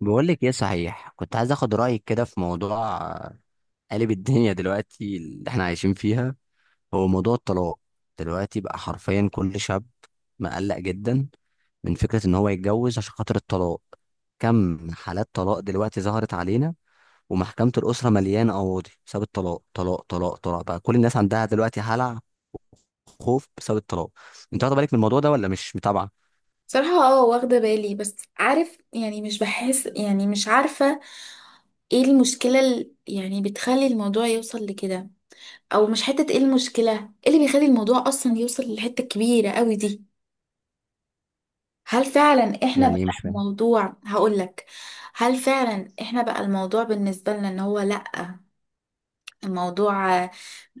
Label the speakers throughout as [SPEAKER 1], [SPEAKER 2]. [SPEAKER 1] بقول لك ايه صحيح، كنت عايز اخد رايك كده في موضوع قالب الدنيا دلوقتي اللي احنا عايشين فيها، هو موضوع الطلاق. دلوقتي بقى حرفيا كل شاب مقلق جدا من فكره ان هو يتجوز عشان خاطر الطلاق. كم حالات طلاق دلوقتي ظهرت علينا، ومحكمه الاسره مليانه قواضي بسبب الطلاق، طلاق طلاق طلاق، بقى كل الناس عندها دلوقتي هلع، خوف بسبب الطلاق. انت واخد بالك من الموضوع ده ولا مش متابعه؟
[SPEAKER 2] صراحة، واخدة بالي، بس عارف، يعني مش بحس، يعني مش عارفة ايه المشكلة يعني بتخلي الموضوع يوصل لكده، او مش حتة ايه المشكلة، ايه اللي بيخلي الموضوع اصلا يوصل للحتة الكبيرة قوي دي؟ هل فعلا احنا
[SPEAKER 1] يعني
[SPEAKER 2] بقى
[SPEAKER 1] إيه، مش فاهم.
[SPEAKER 2] الموضوع هقولك هل فعلا احنا بقى الموضوع بالنسبة لنا ان هو لا، الموضوع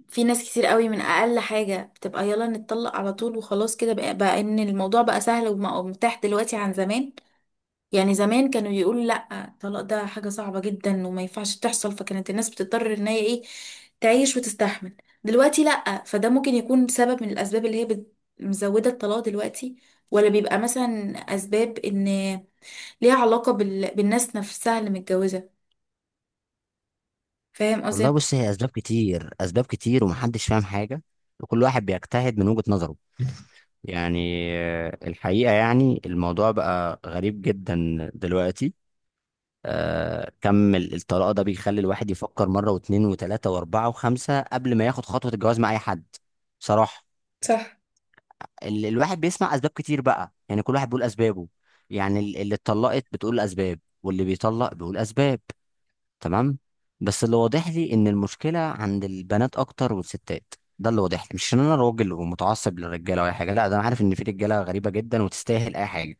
[SPEAKER 2] في ناس كتير قوي من اقل حاجة بتبقى يلا نتطلق على طول، وخلاص كده بقى ان الموضوع بقى سهل ومتاح دلوقتي عن زمان. يعني زمان كانوا يقولوا لا، الطلاق ده حاجة صعبة جدا وما ينفعش تحصل، فكانت الناس بتضطر ان هي ايه، تعيش وتستحمل. دلوقتي لا، فده ممكن يكون سبب من الاسباب اللي هي مزودة الطلاق دلوقتي، ولا بيبقى مثلا اسباب ان ليها علاقة بالناس نفسها اللي متجوزة. فاهم قصدي؟
[SPEAKER 1] والله بص، هي اسباب كتير، اسباب كتير، ومحدش فاهم حاجه، وكل واحد بيجتهد من وجهه نظره. يعني الحقيقه يعني الموضوع بقى غريب جدا دلوقتي. كم الطلاق ده بيخلي الواحد يفكر مره واتنين وتلاته واربعه وخمسه قبل ما ياخد خطوه الجواز مع اي حد، بصراحه.
[SPEAKER 2] صح.
[SPEAKER 1] الواحد بيسمع اسباب كتير بقى، يعني كل واحد بيقول اسبابه. يعني اللي اتطلقت بتقول اسباب واللي بيطلق بيقول اسباب، تمام. بس اللي واضح لي ان المشكله عند البنات اكتر والستات. ده اللي واضح لي، مش ان انا راجل ومتعصب للرجاله ولا أي حاجه، لا، ده انا عارف ان في رجاله غريبه جدا وتستاهل اي حاجه.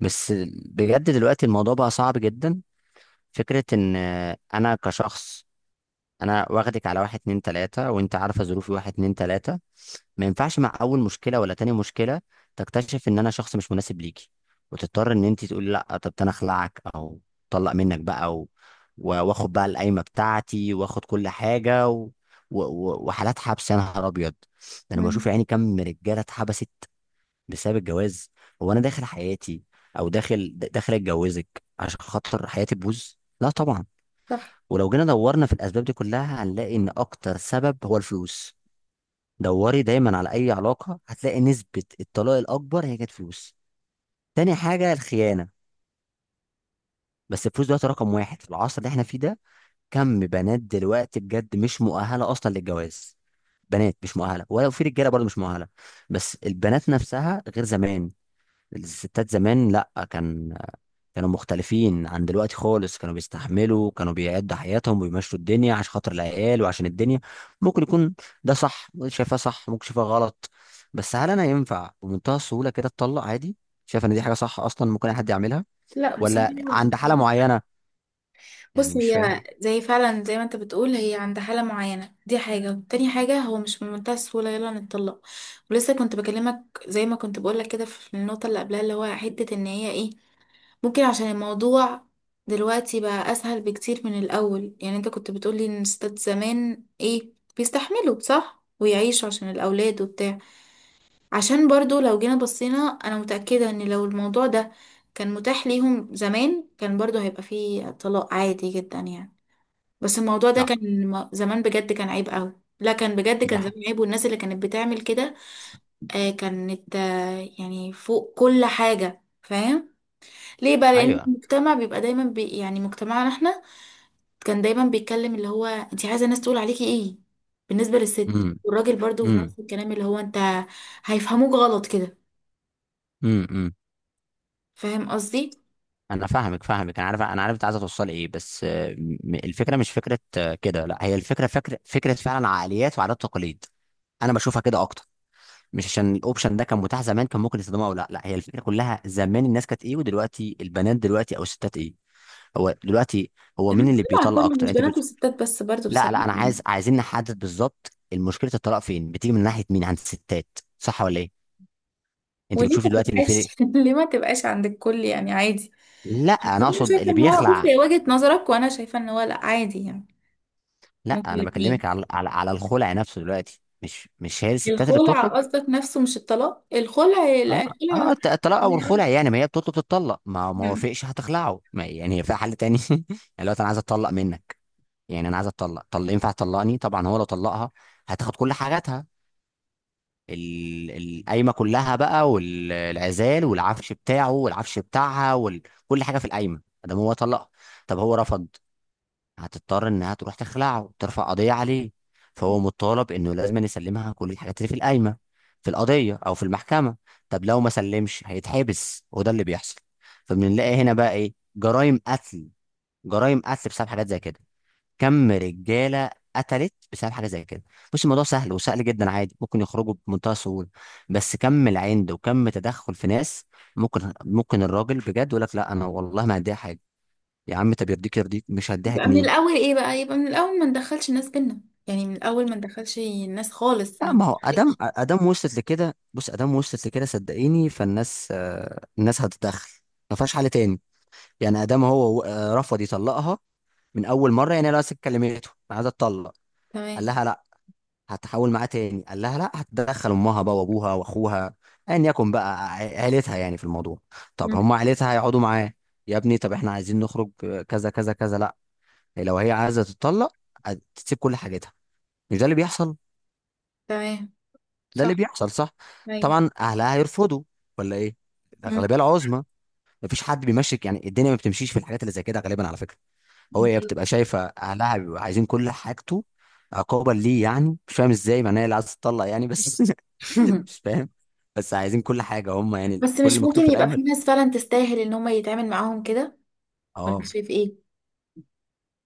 [SPEAKER 1] بس بجد دلوقتي الموضوع بقى صعب جدا. فكره ان انا كشخص، انا واخدك على واحد اتنين تلاته، وانت عارفه ظروفي واحد اتنين تلاته، ما ينفعش مع اول مشكله ولا تاني مشكله تكتشف ان انا شخص مش مناسب ليكي، وتضطر ان انت تقولي لا، طب انا اخلعك او طلق منك بقى. واخد بقى القايمه بتاعتي، واخد كل حاجه. وحالات حبس، يا نهار ابيض. ده انا بشوف
[SPEAKER 2] مم.
[SPEAKER 1] يعني كم رجاله اتحبست بسبب الجواز. هو انا داخل حياتي او داخل اتجوزك عشان خاطر حياتي تبوظ؟ لا طبعا.
[SPEAKER 2] صح.
[SPEAKER 1] ولو جينا دورنا في الاسباب دي كلها هنلاقي ان اكتر سبب هو الفلوس. دوري دايما على اي علاقه، هتلاقي نسبه الطلاق الاكبر هي كانت فلوس، تاني حاجه الخيانه. بس الفلوس دلوقتي رقم واحد في العصر اللي احنا فيه ده. كم بنات دلوقتي بجد مش مؤهله اصلا للجواز، بنات مش مؤهله، ولا في رجاله برضه مش مؤهله، بس البنات نفسها غير زمان. الستات زمان، لا، كانوا مختلفين عن دلوقتي خالص، كانوا بيستحملوا، كانوا بيعدوا حياتهم ويمشوا الدنيا عشان خاطر العيال وعشان الدنيا. ممكن يكون ده صح، شايفاه صح ممكن، شايفاه غلط. بس هل انا ينفع بمنتهى السهولة كده اتطلق عادي؟ شايف ان دي حاجة صح اصلا ممكن اي حد يعملها،
[SPEAKER 2] لا بصراحة.
[SPEAKER 1] ولا عند حالة معينة؟ يعني
[SPEAKER 2] بص،
[SPEAKER 1] مش
[SPEAKER 2] هي
[SPEAKER 1] فاهم.
[SPEAKER 2] زي فعلا زي ما انت بتقول، هي عند حالة معينة دي حاجة، وتاني حاجة هو مش من منتهى السهولة يلا نتطلق. ولسه كنت بكلمك زي ما كنت بقولك كده في النقطة اللي قبلها، اللي هو حتة ان هي ايه، ممكن عشان الموضوع دلوقتي بقى اسهل بكتير من الاول. يعني انت كنت بتقولي ان الستات زمان ايه، بيستحملوا، صح؟ ويعيشوا عشان الاولاد وبتاع. عشان برضو لو جينا بصينا، انا متأكدة ان لو الموضوع ده كان متاح ليهم زمان كان برضو هيبقى فيه طلاق عادي جدا يعني. بس الموضوع ده
[SPEAKER 1] لا
[SPEAKER 2] كان زمان بجد كان عيب قوي. لا، كان بجد،
[SPEAKER 1] دي
[SPEAKER 2] كان زمان عيب، والناس اللي كانت بتعمل كده كانت يعني فوق كل حاجة، فاهم؟ ليه بقى؟ لان
[SPEAKER 1] ايوه.
[SPEAKER 2] المجتمع بيبقى دايما يعني مجتمعنا احنا كان دايما بيتكلم، اللي هو انت عايزة الناس تقول عليكي ايه؟ بالنسبة للست
[SPEAKER 1] امم.
[SPEAKER 2] والراجل برضو في
[SPEAKER 1] امم.
[SPEAKER 2] نفس الكلام، اللي هو انت هيفهموك غلط كده.
[SPEAKER 1] امم. امم.
[SPEAKER 2] فاهم قصدي؟
[SPEAKER 1] انا فاهمك، انا عارف، انا عارف انت عايزه توصلي ايه، بس الفكره مش فكره كده، لا، هي الفكره فكره فكره فعلا، عقليات وعادات وتقاليد. انا بشوفها كده اكتر. مش عشان الاوبشن ده كان متاح زمان كان ممكن يستخدمه او لا، لا هي الفكره كلها زمان الناس كانت ايه، ودلوقتي البنات دلوقتي او الستات ايه. هو دلوقتي، هو مين اللي
[SPEAKER 2] المجتمع
[SPEAKER 1] بيطلق
[SPEAKER 2] كله،
[SPEAKER 1] اكتر؟
[SPEAKER 2] مش بنات وستات بس، برضو
[SPEAKER 1] لا
[SPEAKER 2] بصراحة
[SPEAKER 1] لا انا
[SPEAKER 2] يعني.
[SPEAKER 1] عايزين نحدد بالظبط المشكله، الطلاق فين بتيجي، من ناحيه مين، عند الستات صح ولا ايه؟ انت
[SPEAKER 2] وليه
[SPEAKER 1] بتشوفي
[SPEAKER 2] ما
[SPEAKER 1] دلوقتي ان في...
[SPEAKER 2] تبقاش ليه ما تبقاش عند الكل يعني؟ عادي.
[SPEAKER 1] لا
[SPEAKER 2] بس
[SPEAKER 1] انا
[SPEAKER 2] انا
[SPEAKER 1] اقصد
[SPEAKER 2] شايفه
[SPEAKER 1] اللي
[SPEAKER 2] ان هو، بصي،
[SPEAKER 1] بيخلع.
[SPEAKER 2] هي وجهه نظرك وانا شايفه ان هو لا، عادي يعني.
[SPEAKER 1] لا
[SPEAKER 2] ممكن
[SPEAKER 1] انا بكلمك
[SPEAKER 2] الاثنين.
[SPEAKER 1] على على الخلع نفسه دلوقتي، مش هي الستات اللي
[SPEAKER 2] الخلع
[SPEAKER 1] بتطلب.
[SPEAKER 2] قصدك نفسه مش الطلاق؟ الخلع؟ لا،
[SPEAKER 1] اه،
[SPEAKER 2] الخلع.
[SPEAKER 1] اه، الطلاق او الخلع، يعني ما هي بتطلب تتطلق، ما
[SPEAKER 2] مم.
[SPEAKER 1] وافقش هتخلعه، ما يعني هي يعني في حل تاني. يعني لو انا عايز اتطلق منك، يعني انا عايز اتطلق، ينفع تطلقني؟ طبعا. هو لو طلقها هتاخد كل حاجاتها، ال- القايمه كلها بقى، والعزال والعفش بتاعه والعفش بتاعها وكل حاجه في القايمه، ده هو طلقها. طب هو رفض، هتضطر انها تروح تخلعه، ترفع قضيه عليه، فهو مطالب انه لازم يسلمها كل الحاجات اللي في القايمه، في القضيه او في المحكمه. طب لو ما سلمش هيتحبس، وده اللي بيحصل. فبنلاقي هنا بقى ايه، جرائم قتل، جرائم قتل بسبب حاجات زي كده. كم رجاله قتلت بسبب حاجه زي كده. بص الموضوع سهل، وسهل جدا، عادي ممكن يخرجوا بمنتهى السهوله، بس كم العند، وكم تدخل في ناس. ممكن الراجل بجد يقول لك لا انا والله ما هديها حاجه. يا عم، طب يرضيك، يرضيك مش هديها جنيه؟
[SPEAKER 2] يبقى من الاول ما ندخلش الناس بينا. يعني من الاول ما ندخلش الناس خالص،
[SPEAKER 1] لا،
[SPEAKER 2] ما
[SPEAKER 1] ما هو ادم
[SPEAKER 2] ندخلش.
[SPEAKER 1] ادم وصلت لكده، بص ادم وصلت لكده صدقيني، فالناس الناس هتتدخل، ما فيهاش حل تاني. يعني ادم هو رفض يطلقها من اول مره، يعني لو كلمته انا عايز اتطلق، قال
[SPEAKER 2] تمام.
[SPEAKER 1] لها لا، هتحاول معاه تاني قال لها لا، هتدخل امها بقى، وابوها واخوها، ايا يكن بقى عيلتها يعني في الموضوع. طب هم
[SPEAKER 2] مم.
[SPEAKER 1] عيلتها هيقعدوا معاه، يا ابني طب احنا عايزين نخرج كذا كذا كذا، لا، لو هي عايزه تتطلق هتسيب كل حاجتها. مش ده اللي بيحصل؟
[SPEAKER 2] تمام.
[SPEAKER 1] ده اللي
[SPEAKER 2] صح.
[SPEAKER 1] بيحصل، صح.
[SPEAKER 2] ايوه.
[SPEAKER 1] طبعا اهلها هيرفضوا، ولا ايه،
[SPEAKER 2] مم.
[SPEAKER 1] الاغلبيه العظمى. مفيش حد بيمشك، يعني الدنيا ما بتمشيش في الحاجات اللي زي كده غالبا، على فكره. هي بتبقى شايفه اهلها بيبقوا عايزين كل حاجته، عقابا ليه، يعني مش فاهم ازاي، معناها اللي عايز تطلق يعني بس مش فاهم. بس عايزين كل حاجه هم، يعني
[SPEAKER 2] بس
[SPEAKER 1] كل اللي
[SPEAKER 2] مش
[SPEAKER 1] مكتوب
[SPEAKER 2] ممكن
[SPEAKER 1] في
[SPEAKER 2] يبقى
[SPEAKER 1] القايمه.
[SPEAKER 2] في ناس فعلا تستاهل ان هم يتعامل معاهم كده؟ ولا
[SPEAKER 1] اه.
[SPEAKER 2] شايف ايه؟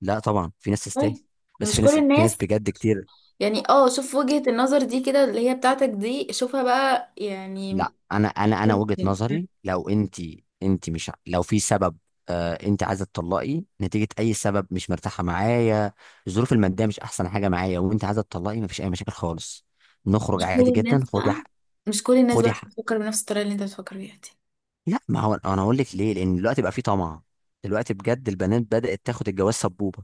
[SPEAKER 1] لا طبعا في ناس
[SPEAKER 2] طيب
[SPEAKER 1] تستاهل،
[SPEAKER 2] يعني،
[SPEAKER 1] بس
[SPEAKER 2] مش
[SPEAKER 1] في ناس
[SPEAKER 2] كل
[SPEAKER 1] في ناس
[SPEAKER 2] الناس
[SPEAKER 1] بجد كتير.
[SPEAKER 2] يعني. اه، شوف وجهة النظر دي كده اللي هي بتاعتك دي، شوفها بقى يعني.
[SPEAKER 1] لا، انا وجهة نظري، لو انت، انت مش لو في سبب، انت عايزه تطلقي نتيجه اي سبب، مش مرتاحه معايا، الظروف الماديه مش احسن حاجه معايا وانت عايزه تطلقي، مفيش اي مشاكل خالص، نخرج
[SPEAKER 2] مش كل
[SPEAKER 1] عادي جدا،
[SPEAKER 2] الناس
[SPEAKER 1] خدي
[SPEAKER 2] بقى
[SPEAKER 1] حق.
[SPEAKER 2] مش كل الناس بقى
[SPEAKER 1] خدي حق.
[SPEAKER 2] بتفكر بنفس الطريقة اللي انت بتفكر بيها دي.
[SPEAKER 1] لا، ما هو انا هقول لك ليه، لان دلوقتي بقى في طمع، دلوقتي بجد البنات بدات تاخد الجواز سبوبه،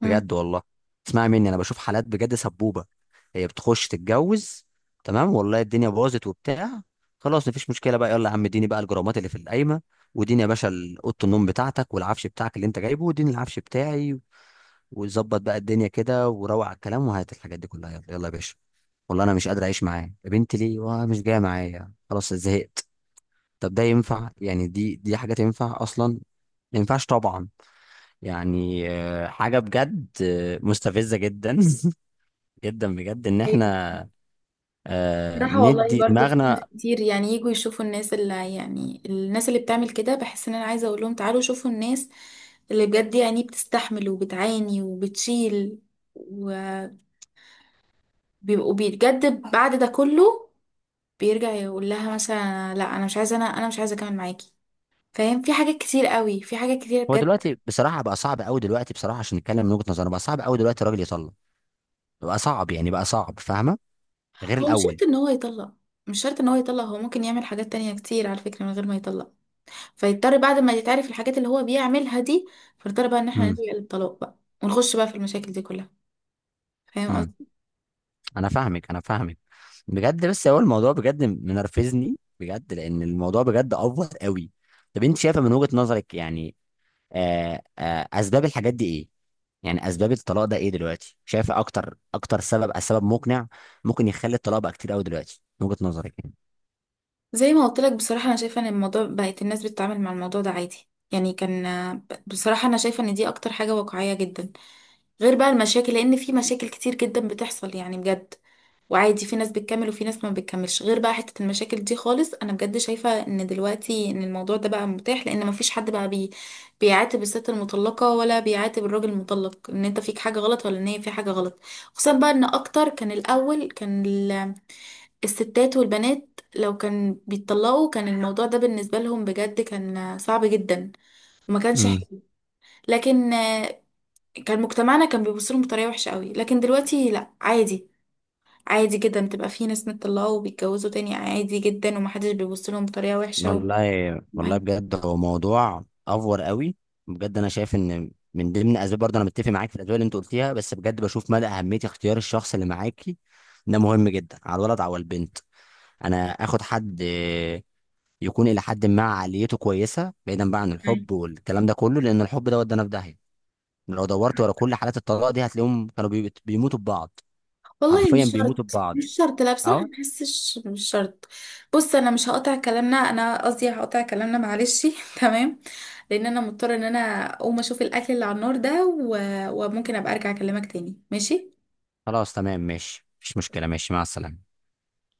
[SPEAKER 2] مم.
[SPEAKER 1] بجد والله. اسمعي مني، انا بشوف حالات بجد سبوبه، هي بتخش تتجوز، تمام، والله الدنيا باظت وبتاع، خلاص مفيش مشكله بقى، يلا يا عم اديني بقى الجرامات اللي في القايمه، واديني يا باشا اوضه النوم بتاعتك والعفش بتاعك اللي انت جايبه، واديني العفش بتاعي، وظبط بقى الدنيا كده، وروق على الكلام، وهات الحاجات دي كلها، يلا يلا يا باشا، والله انا مش قادر اعيش معاه يا بنتي، ليه؟ واه مش جايه معايا، خلاص زهقت. طب ده ينفع يعني، دي حاجات ينفع اصلا؟ ما ينفعش طبعا. يعني حاجة بجد مستفزة جدا جدا بجد، ان
[SPEAKER 2] أيوة.
[SPEAKER 1] احنا
[SPEAKER 2] صراحة والله
[SPEAKER 1] ندي
[SPEAKER 2] برضو في ناس
[SPEAKER 1] دماغنا.
[SPEAKER 2] كتير، يعني يجوا يشوفوا الناس اللي، يعني الناس اللي بتعمل كده، بحس ان انا عايزة اقول لهم تعالوا شوفوا الناس اللي بجد يعني بتستحمل وبتعاني وبتشيل، وبيبقوا، بجد بعد ده كله بيرجع يقول لها مثلا لا انا مش عايزة، انا مش عايزة اكمل معاكي. فاهم؟ في حاجات كتير قوي، في حاجات كتير
[SPEAKER 1] هو
[SPEAKER 2] بجد.
[SPEAKER 1] دلوقتي بصراحة بقى صعب قوي، دلوقتي بصراحة عشان نتكلم من وجهة نظرنا بقى صعب قوي دلوقتي الراجل يطلق، بقى صعب يعني، بقى صعب فاهمة، غير
[SPEAKER 2] هو مش
[SPEAKER 1] الأول.
[SPEAKER 2] شرط ان هو يطلق. مش شرط ان هو يطلق هو ممكن يعمل حاجات تانية كتير على فكرة من غير ما يطلق، فيضطر بعد ما يتعرف الحاجات اللي هو بيعملها دي، فيضطر بقى ان احنا
[SPEAKER 1] امم.
[SPEAKER 2] نلجأ للطلاق بقى، ونخش بقى في المشاكل دي كلها. فاهم
[SPEAKER 1] امم.
[SPEAKER 2] قصدي؟
[SPEAKER 1] انا فاهمك، انا فاهمك بجد، بس هو الموضوع بجد منرفزني، بجد لان الموضوع بجد افور قوي. طب انت شايفة من وجهة نظرك يعني اسباب الحاجات دي ايه، يعني اسباب الطلاق ده ايه دلوقتي، شايف اكتر سبب مقنع ممكن يخلي الطلاق بقى كتير قوي دلوقتي من وجهة نظرك يعني.
[SPEAKER 2] زي ما قلت لك بصراحة، انا شايفة ان الموضوع بقت الناس بتتعامل مع الموضوع ده عادي يعني كان. بصراحة أنا شايفة إن دي أكتر حاجة واقعية جدا، غير بقى المشاكل، لأن في مشاكل كتير جدا بتحصل يعني بجد. وعادي في ناس بتكمل وفي ناس ما بتكملش غير بقى حتة المشاكل دي خالص. انا بجد شايفة ان دلوقتي ان الموضوع ده بقى متاح، لان ما فيش حد بقى بيعاتب الست المطلقة ولا بيعاتب الراجل المطلق ان انت فيك حاجة غلط ولا ان هي في حاجة غلط. خصوصا بقى ان اكتر كان الاول كان الستات والبنات لو كان بيتطلقوا كان الموضوع ده بالنسبة لهم بجد كان صعب جدا، وما كانش
[SPEAKER 1] امم.
[SPEAKER 2] حلو. لكن كان مجتمعنا كان بيبص لهم بطريقة وحشة قوي. لكن دلوقتي لا، عادي، عادي جدا بتبقى في ناس مطلقة وبيتجوزوا تاني عادي جدا، ومحدش بيبص لهم بطريقة وحشة و...
[SPEAKER 1] والله، والله
[SPEAKER 2] معاهم.
[SPEAKER 1] بجد هو موضوع افور قوي. بجد انا شايف ان من ضمن اسباب برضه انا متفق معاك في الاسباب اللي انت قلتيها، بس بجد بشوف مدى اهميه اختيار الشخص اللي معاكي، ده مهم جدا، على الولد او البنت، انا اخد حد يكون الى حد ما عقليته كويسه، بعيدا بقى عن الحب والكلام ده كله، لان الحب ده ودانا في داهيه. لو دورت ورا كل حالات الطلاق دي هتلاقيهم كانوا بيموتوا ببعض،
[SPEAKER 2] والله
[SPEAKER 1] حرفيا
[SPEAKER 2] مش
[SPEAKER 1] بيموتوا
[SPEAKER 2] شرط
[SPEAKER 1] ببعض.
[SPEAKER 2] مش شرط لا بصراحة
[SPEAKER 1] اهو.
[SPEAKER 2] ما بحسش مش شرط. بص انا مش هقطع كلامنا، انا قصدي هقطع كلامنا، معلش تمام، لان انا مضطرة ان انا اقوم اشوف الاكل اللي على النار ده و... وممكن ابقى ارجع اكلمك تاني، ماشي؟
[SPEAKER 1] خلاص تمام ماشي، مفيش مشكلة، ماشي مع السلامة.